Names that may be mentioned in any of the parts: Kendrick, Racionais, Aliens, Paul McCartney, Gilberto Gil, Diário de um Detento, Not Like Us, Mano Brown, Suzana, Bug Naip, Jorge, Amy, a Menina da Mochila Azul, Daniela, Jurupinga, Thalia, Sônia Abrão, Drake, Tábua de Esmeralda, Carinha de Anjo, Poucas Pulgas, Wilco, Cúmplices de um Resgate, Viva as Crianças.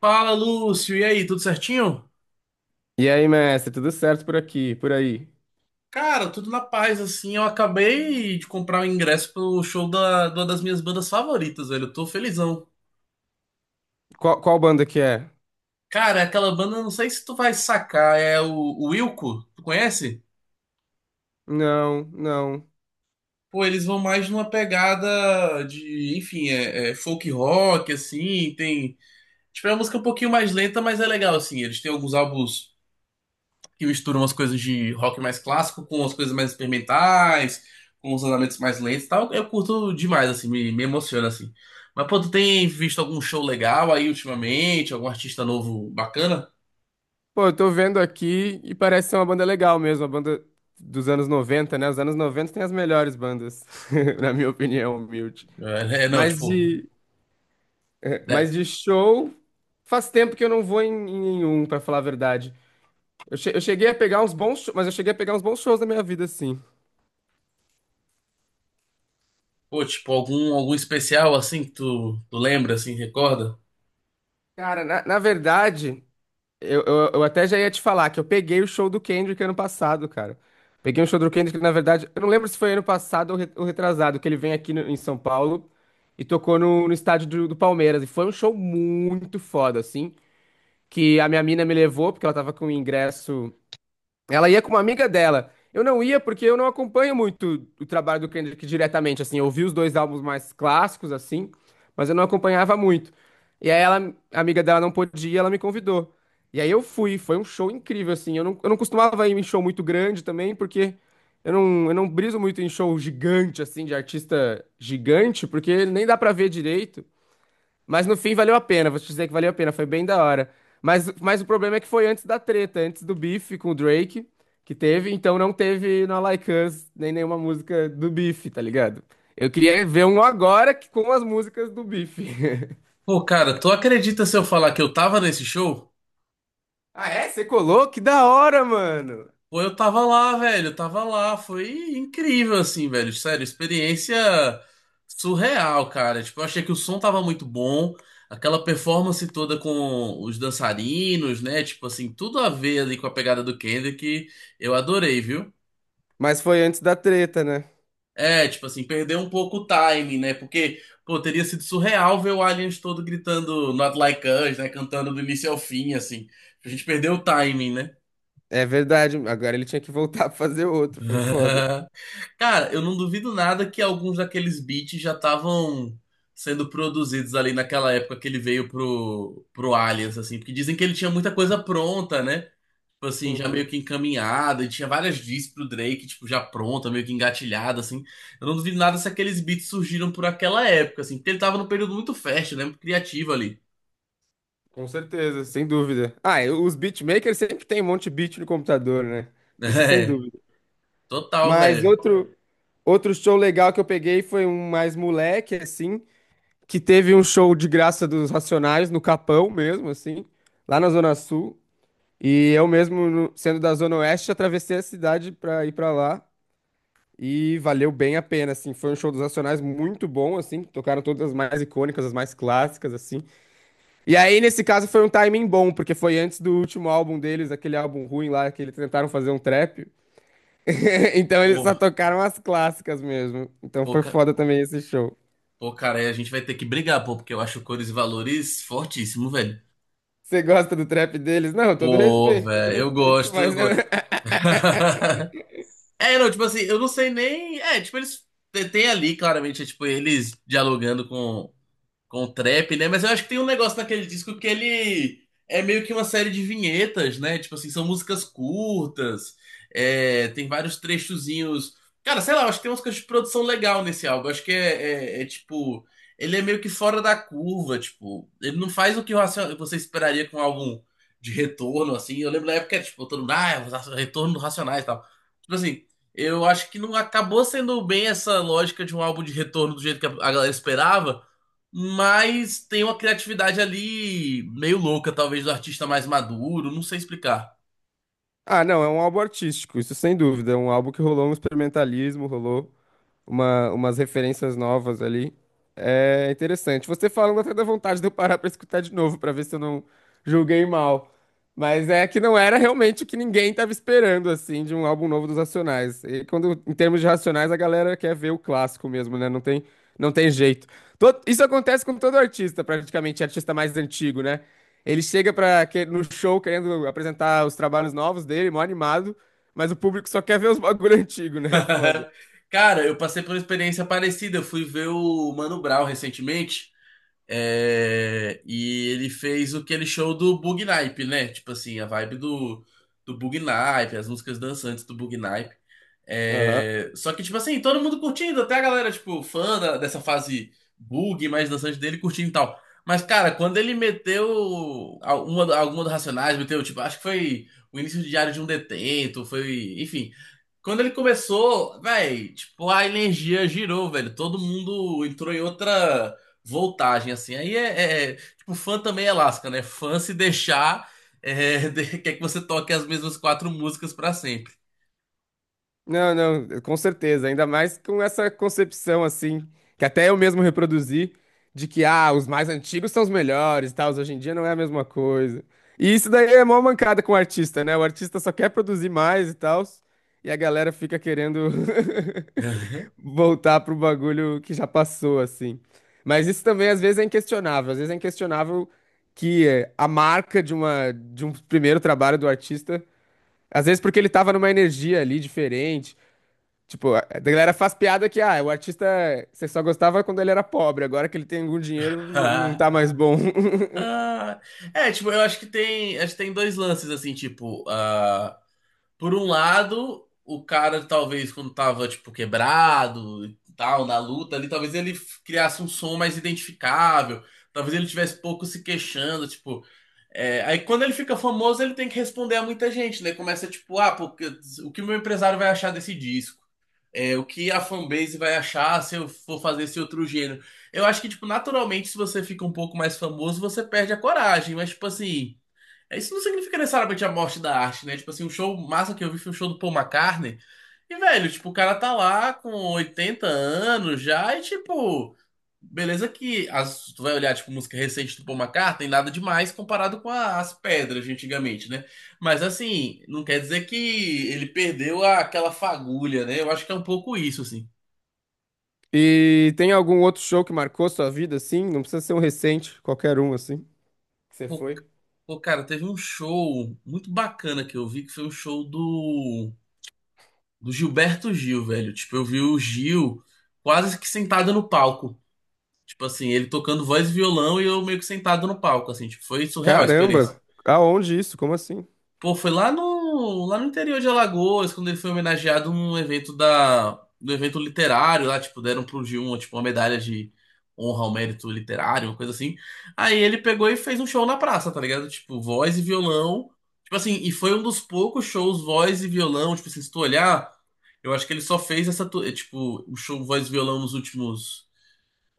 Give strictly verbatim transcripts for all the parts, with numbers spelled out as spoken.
Fala, Lúcio. E aí, tudo certinho? E aí, mestre, tudo certo por aqui, por aí? Cara, tudo na paz, assim. Eu acabei de comprar o ingresso pro show da, de uma das minhas bandas favoritas, velho. Eu tô felizão. Qual, qual banda que é? Cara, aquela banda, não sei se tu vai sacar, é o, o Wilco. Tu conhece? Não, não. Pô, eles vão mais numa pegada de, enfim, é, é folk rock, assim. Tem. Tipo, é uma música um pouquinho mais lenta, mas é legal, assim. Eles têm alguns álbuns que mistura umas coisas de rock mais clássico com umas coisas mais experimentais, com os andamentos mais lentos e tal. Eu curto demais, assim, me, me emociona, assim. Mas, pô, tu tem visto algum show legal aí ultimamente? Algum artista novo bacana? Pô, eu tô vendo aqui e parece ser uma banda legal mesmo, uma banda dos anos noventa, né? Os anos noventa tem as melhores bandas, na minha opinião, humilde. É, é, não, Mas tipo, de, né? mas de show, faz tempo que eu não vou em, em nenhum, pra falar a verdade. Eu, che- eu cheguei a pegar uns bons, sho- mas eu cheguei a pegar uns bons shows na minha vida, sim. Pô, tipo, algum, algum especial, assim, que tu, tu lembra, assim, recorda? Cara, na, na verdade, Eu, eu, eu até já ia te falar que eu peguei o show do Kendrick ano passado, cara. Peguei o show do Kendrick, na verdade, eu não lembro se foi ano passado ou re- ou retrasado, que ele vem aqui no- em São Paulo e tocou no, no estádio do, do Palmeiras. E foi um show muito foda, assim, que a minha mina me levou, porque ela tava com o ingresso. Ela ia com uma amiga dela. Eu não ia porque eu não acompanho muito o trabalho do Kendrick diretamente, assim. Eu ouvi os dois álbuns mais clássicos, assim, mas eu não acompanhava muito. E aí ela, a amiga dela não podia ir, ela me convidou. E aí eu fui, foi um show incrível, assim. Eu não, eu não costumava ir em show muito grande também, porque eu não, eu não briso muito em show gigante, assim, de artista gigante, porque nem dá pra ver direito. Mas no fim valeu a pena, vou te dizer que valeu a pena, foi bem da hora. Mas, mas o problema é que foi antes da treta, antes do Beef com o Drake, que teve, então não teve na Like Us nem nenhuma música do Beef, tá ligado? Eu queria ver um agora que- com as músicas do Beef. Pô, cara, tu acredita se eu falar que eu tava nesse show? Ah, é? Você colou? Que da hora, mano! Pô, eu tava lá, velho, eu tava lá, foi incrível, assim, velho, sério, experiência surreal, cara, tipo, eu achei que o som tava muito bom, aquela performance toda com os dançarinos, né, tipo assim, tudo a ver ali com a pegada do Kendrick, eu adorei, viu? Mas foi antes da treta, né? É, tipo assim, perdeu um pouco o time, né, porque, pô, teria sido surreal ver o Aliens todo gritando Not Like Us, né, cantando do início ao fim, assim, a gente perdeu o timing, né? É verdade, agora ele tinha que voltar pra fazer outro, foi foda. Cara, eu não duvido nada que alguns daqueles beats já estavam sendo produzidos ali naquela época que ele veio pro, pro Aliens, assim, porque dizem que ele tinha muita coisa pronta, né? Tipo assim, já meio Uhum. que encaminhada, e tinha várias discs pro Drake, tipo, já pronta, meio que engatilhada, assim. Eu não duvido nada se aqueles beats surgiram por aquela época, assim, porque ele tava num período muito fértil, né? Muito criativo ali. Com certeza, sem dúvida. Ah, e os beatmakers sempre tem um monte de beat no computador, né? Isso sem É, dúvida. total, Mas velho. outro, outro show legal que eu peguei foi um mais moleque, assim, que teve um show de graça dos Racionais no Capão mesmo, assim, lá na Zona Sul. E eu mesmo, no- sendo da Zona Oeste, atravessei a cidade pra ir pra lá. E valeu bem a pena, assim. Foi um show dos Racionais muito bom, assim. Tocaram todas as mais icônicas, as mais clássicas, assim. E aí, nesse caso, foi um timing bom, porque foi antes do último álbum deles, aquele álbum ruim lá que eles tentaram fazer um trap. Então eles só Pô, tocaram as clássicas mesmo. Então pô, foi ca- foda também esse show. Pô, cara, aí a gente vai ter que brigar, pô, porque eu acho cores e valores fortíssimo, velho. Você gosta do trap deles? Não, todo Pô, respeito, todo velho, eu respeito, gosto, eu mas... gosto. É, não, tipo assim, eu não sei nem. É, tipo, eles. Tem tem ali, claramente, é, tipo, eles dialogando com com trap, né? Mas eu acho que tem um negócio naquele disco que ele é meio que uma série de vinhetas, né? Tipo assim, são músicas curtas, é, tem vários trechozinhos. Cara, sei lá, eu acho que tem umas coisas de produção legal nesse álbum. Eu acho que é, é- é, tipo. Ele é meio que fora da curva, tipo. Ele não faz o que o Racio- você esperaria com um álbum de retorno, assim. Eu lembro da época, tipo, todo mundo, ah, os retorno do Racionais e tal. Tipo assim, eu acho que não acabou sendo bem essa lógica de um álbum de retorno do jeito que a a galera esperava, mas tem uma criatividade ali meio louca, talvez do artista mais maduro, não sei explicar. Ah, não, é um álbum artístico, isso sem dúvida. É um álbum que rolou um experimentalismo, rolou uma, umas referências novas ali. É interessante. Você falando até dá vontade de eu parar pra escutar de novo, pra ver se eu não julguei mal. Mas é que não era realmente o que ninguém tava esperando, assim, de um álbum novo dos Racionais. E quando, em termos de Racionais, a galera quer ver o clássico mesmo, né? Não tem, não tem jeito. To- isso acontece com todo artista, praticamente, artista mais antigo, né? Ele chega para no show querendo apresentar os trabalhos novos dele, mó animado, mas o público só quer ver os bagulho antigo, né? É foda. Cara, eu passei por uma experiência parecida. Eu fui ver o Mano Brown recentemente. É, e ele fez aquele show do Bug Naip, né? Tipo assim, a vibe do, do Bug Naip, as músicas dançantes do Bug Naip. Aham. É, só que, tipo assim, todo mundo curtindo, até a galera, tipo, fã da- dessa fase bug mais dançante dele, curtindo e tal. Mas, cara, quando ele meteu alguma, alguma do Racionais, meteu, tipo, acho que foi o início de Diário de um Detento, foi, enfim. Quando ele começou, velho, tipo, a energia girou, velho. Todo mundo entrou em outra voltagem, assim. Aí é, é- é, tipo, fã também é lasca, né? Fã se deixar, é, de- quer que você toque as mesmas quatro músicas pra sempre. Não, não, com certeza, ainda mais com essa concepção assim, que até eu mesmo reproduzi, de que ah, os mais antigos são os melhores e tal, os hoje em dia não é a mesma coisa. E isso daí é mó mancada com o artista, né? O artista só quer produzir mais e tal, e a galera fica querendo voltar pro bagulho que já passou, assim. Mas isso também às vezes é inquestionável, às vezes é inquestionável que eh, a marca de uma, de um primeiro trabalho do artista, às vezes porque ele tava numa energia ali diferente. Tipo, a a galera faz piada que, ah, o artista você só gostava quando ele era pobre, agora que ele tem algum dinheiro, n- não Ah, tá mais bom. ah. É, tipo, eu acho que tem, acho que tem dois lances, assim, tipo, ah, por um lado, o cara talvez quando tava, tipo, quebrado e tal, na luta ali, talvez ele f- criasse um som mais identificável, talvez ele tivesse pouco se queixando, tipo. É, aí quando ele fica famoso, ele tem que responder a muita gente, né? Começa tipo, ah, porque, o que o meu empresário vai achar desse disco? É, o que a fanbase vai achar se eu for fazer esse outro gênero? Eu acho que, tipo, naturalmente, se você fica um pouco mais famoso, você perde a coragem, mas, tipo assim, isso não significa necessariamente a morte da arte, né? Tipo assim, o show massa que eu vi foi o show do Paul McCartney. E, velho, tipo, o cara tá lá com oitenta anos já e, tipo, beleza que as, tu vai olhar, tipo, música recente do Paul McCartney, nada demais comparado com a- as pedras de antigamente, né? Mas, assim, não quer dizer que ele perdeu a- aquela fagulha, né? Eu acho que é um pouco isso, assim. E tem algum outro show que marcou sua vida, assim? Não precisa ser um recente, qualquer um, assim. Que você Pô, foi? pô, cara, teve um show muito bacana que eu vi, que foi o show do do Gilberto Gil, velho. Tipo, eu vi o Gil quase que sentado no palco. Tipo assim, ele tocando voz e violão e eu meio que sentado no palco, assim. Tipo, foi surreal a experiência. Caramba, aonde isso? Como assim? Pô, foi lá no, lá no interior de Alagoas, quando ele foi homenageado num evento da, do evento literário lá, tipo, deram pro g um tipo, uma medalha de honra ao mérito literário, uma coisa assim. Aí ele pegou e fez um show na praça, tá ligado? Tipo, voz e violão. Tipo assim, e foi um dos poucos shows voz e violão, tipo assim, se tu olhar, eu acho que ele só fez essa, tu- é, tipo, o show voz e violão nos últimos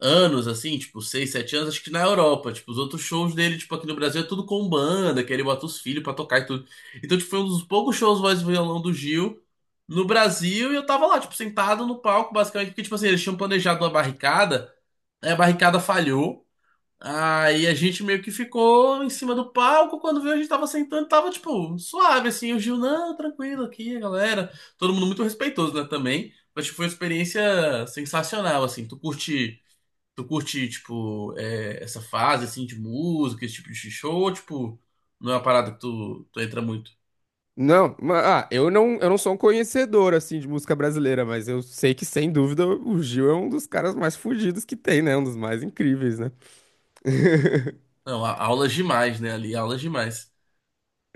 anos, assim, tipo, seis, sete anos, acho que na Europa. Tipo, os outros shows dele, tipo, aqui no Brasil é tudo com banda, que ele bota os filhos pra tocar e tudo. Então, tipo, foi um dos poucos shows voz e violão do Gil no Brasil e eu tava lá, tipo, sentado no palco, basicamente, porque, tipo assim, eles tinham planejado uma barricada, aí a barricada falhou. Aí a gente meio que ficou em cima do palco. Quando viu, a gente tava sentando, tava tipo suave assim. O Gil, não, tranquilo aqui, galera. Todo mundo muito respeitoso, né? Também. Mas tipo, foi uma experiência sensacional, assim. Tu curte Tu curte, tipo, é, essa fase, assim, de música, esse tipo de show? Ou, tipo, não é uma parada que tu, tu entra muito? Não, ma- ah, eu não, eu não sou um conhecedor, assim, de música brasileira, mas eu sei que, sem dúvida, o Gil é um dos caras mais fudidos que tem, né? Um dos mais incríveis, né? Não, a- aulas demais, né? Ali, aulas demais.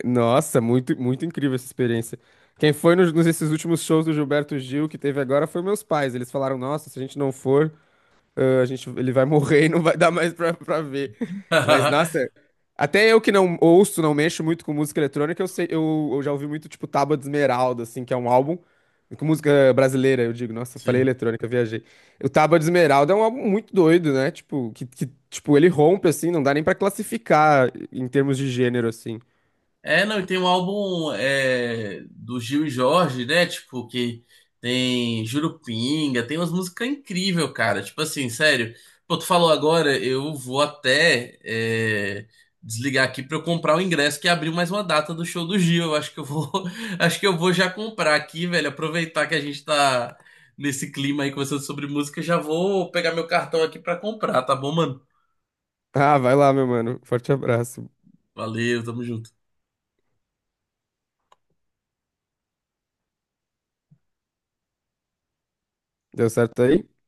Nossa, muito, muito incrível essa experiência. Quem foi nos, nos esses últimos shows do Gilberto Gil que teve agora foi meus pais. Eles falaram: Nossa, se a gente não for, ãh, a gente, ele vai morrer e não vai dar mais pra, pra ver. Mas, nossa, até eu que não ouço, não mexo muito com música eletrônica, eu sei, eu, eu já ouvi muito, tipo, Tábua de Esmeralda, assim, que é um álbum. Com música brasileira, eu digo, nossa, eu falei Sim. eletrônica, eu viajei. O Tábua de Esmeralda é um álbum muito doido, né? Tipo, que, que, tipo, ele rompe, assim, não dá nem pra classificar em termos de gênero, assim. É, não, e tem um álbum é, do Gil e Jorge, né? Tipo, que tem Jurupinga, tem umas músicas incríveis, cara. Tipo assim, sério. Pô, tu falou agora, eu vou até é, desligar aqui pra eu comprar o ingresso que abriu mais uma data do show do Gil. Eu acho que eu vou, acho que eu vou já comprar aqui, velho. Aproveitar que a gente tá nesse clima aí conversando sobre música, já vou pegar meu cartão aqui pra comprar, tá bom, mano? Ah, vai lá, meu mano. Forte abraço. Valeu, tamo junto. Deu certo aí?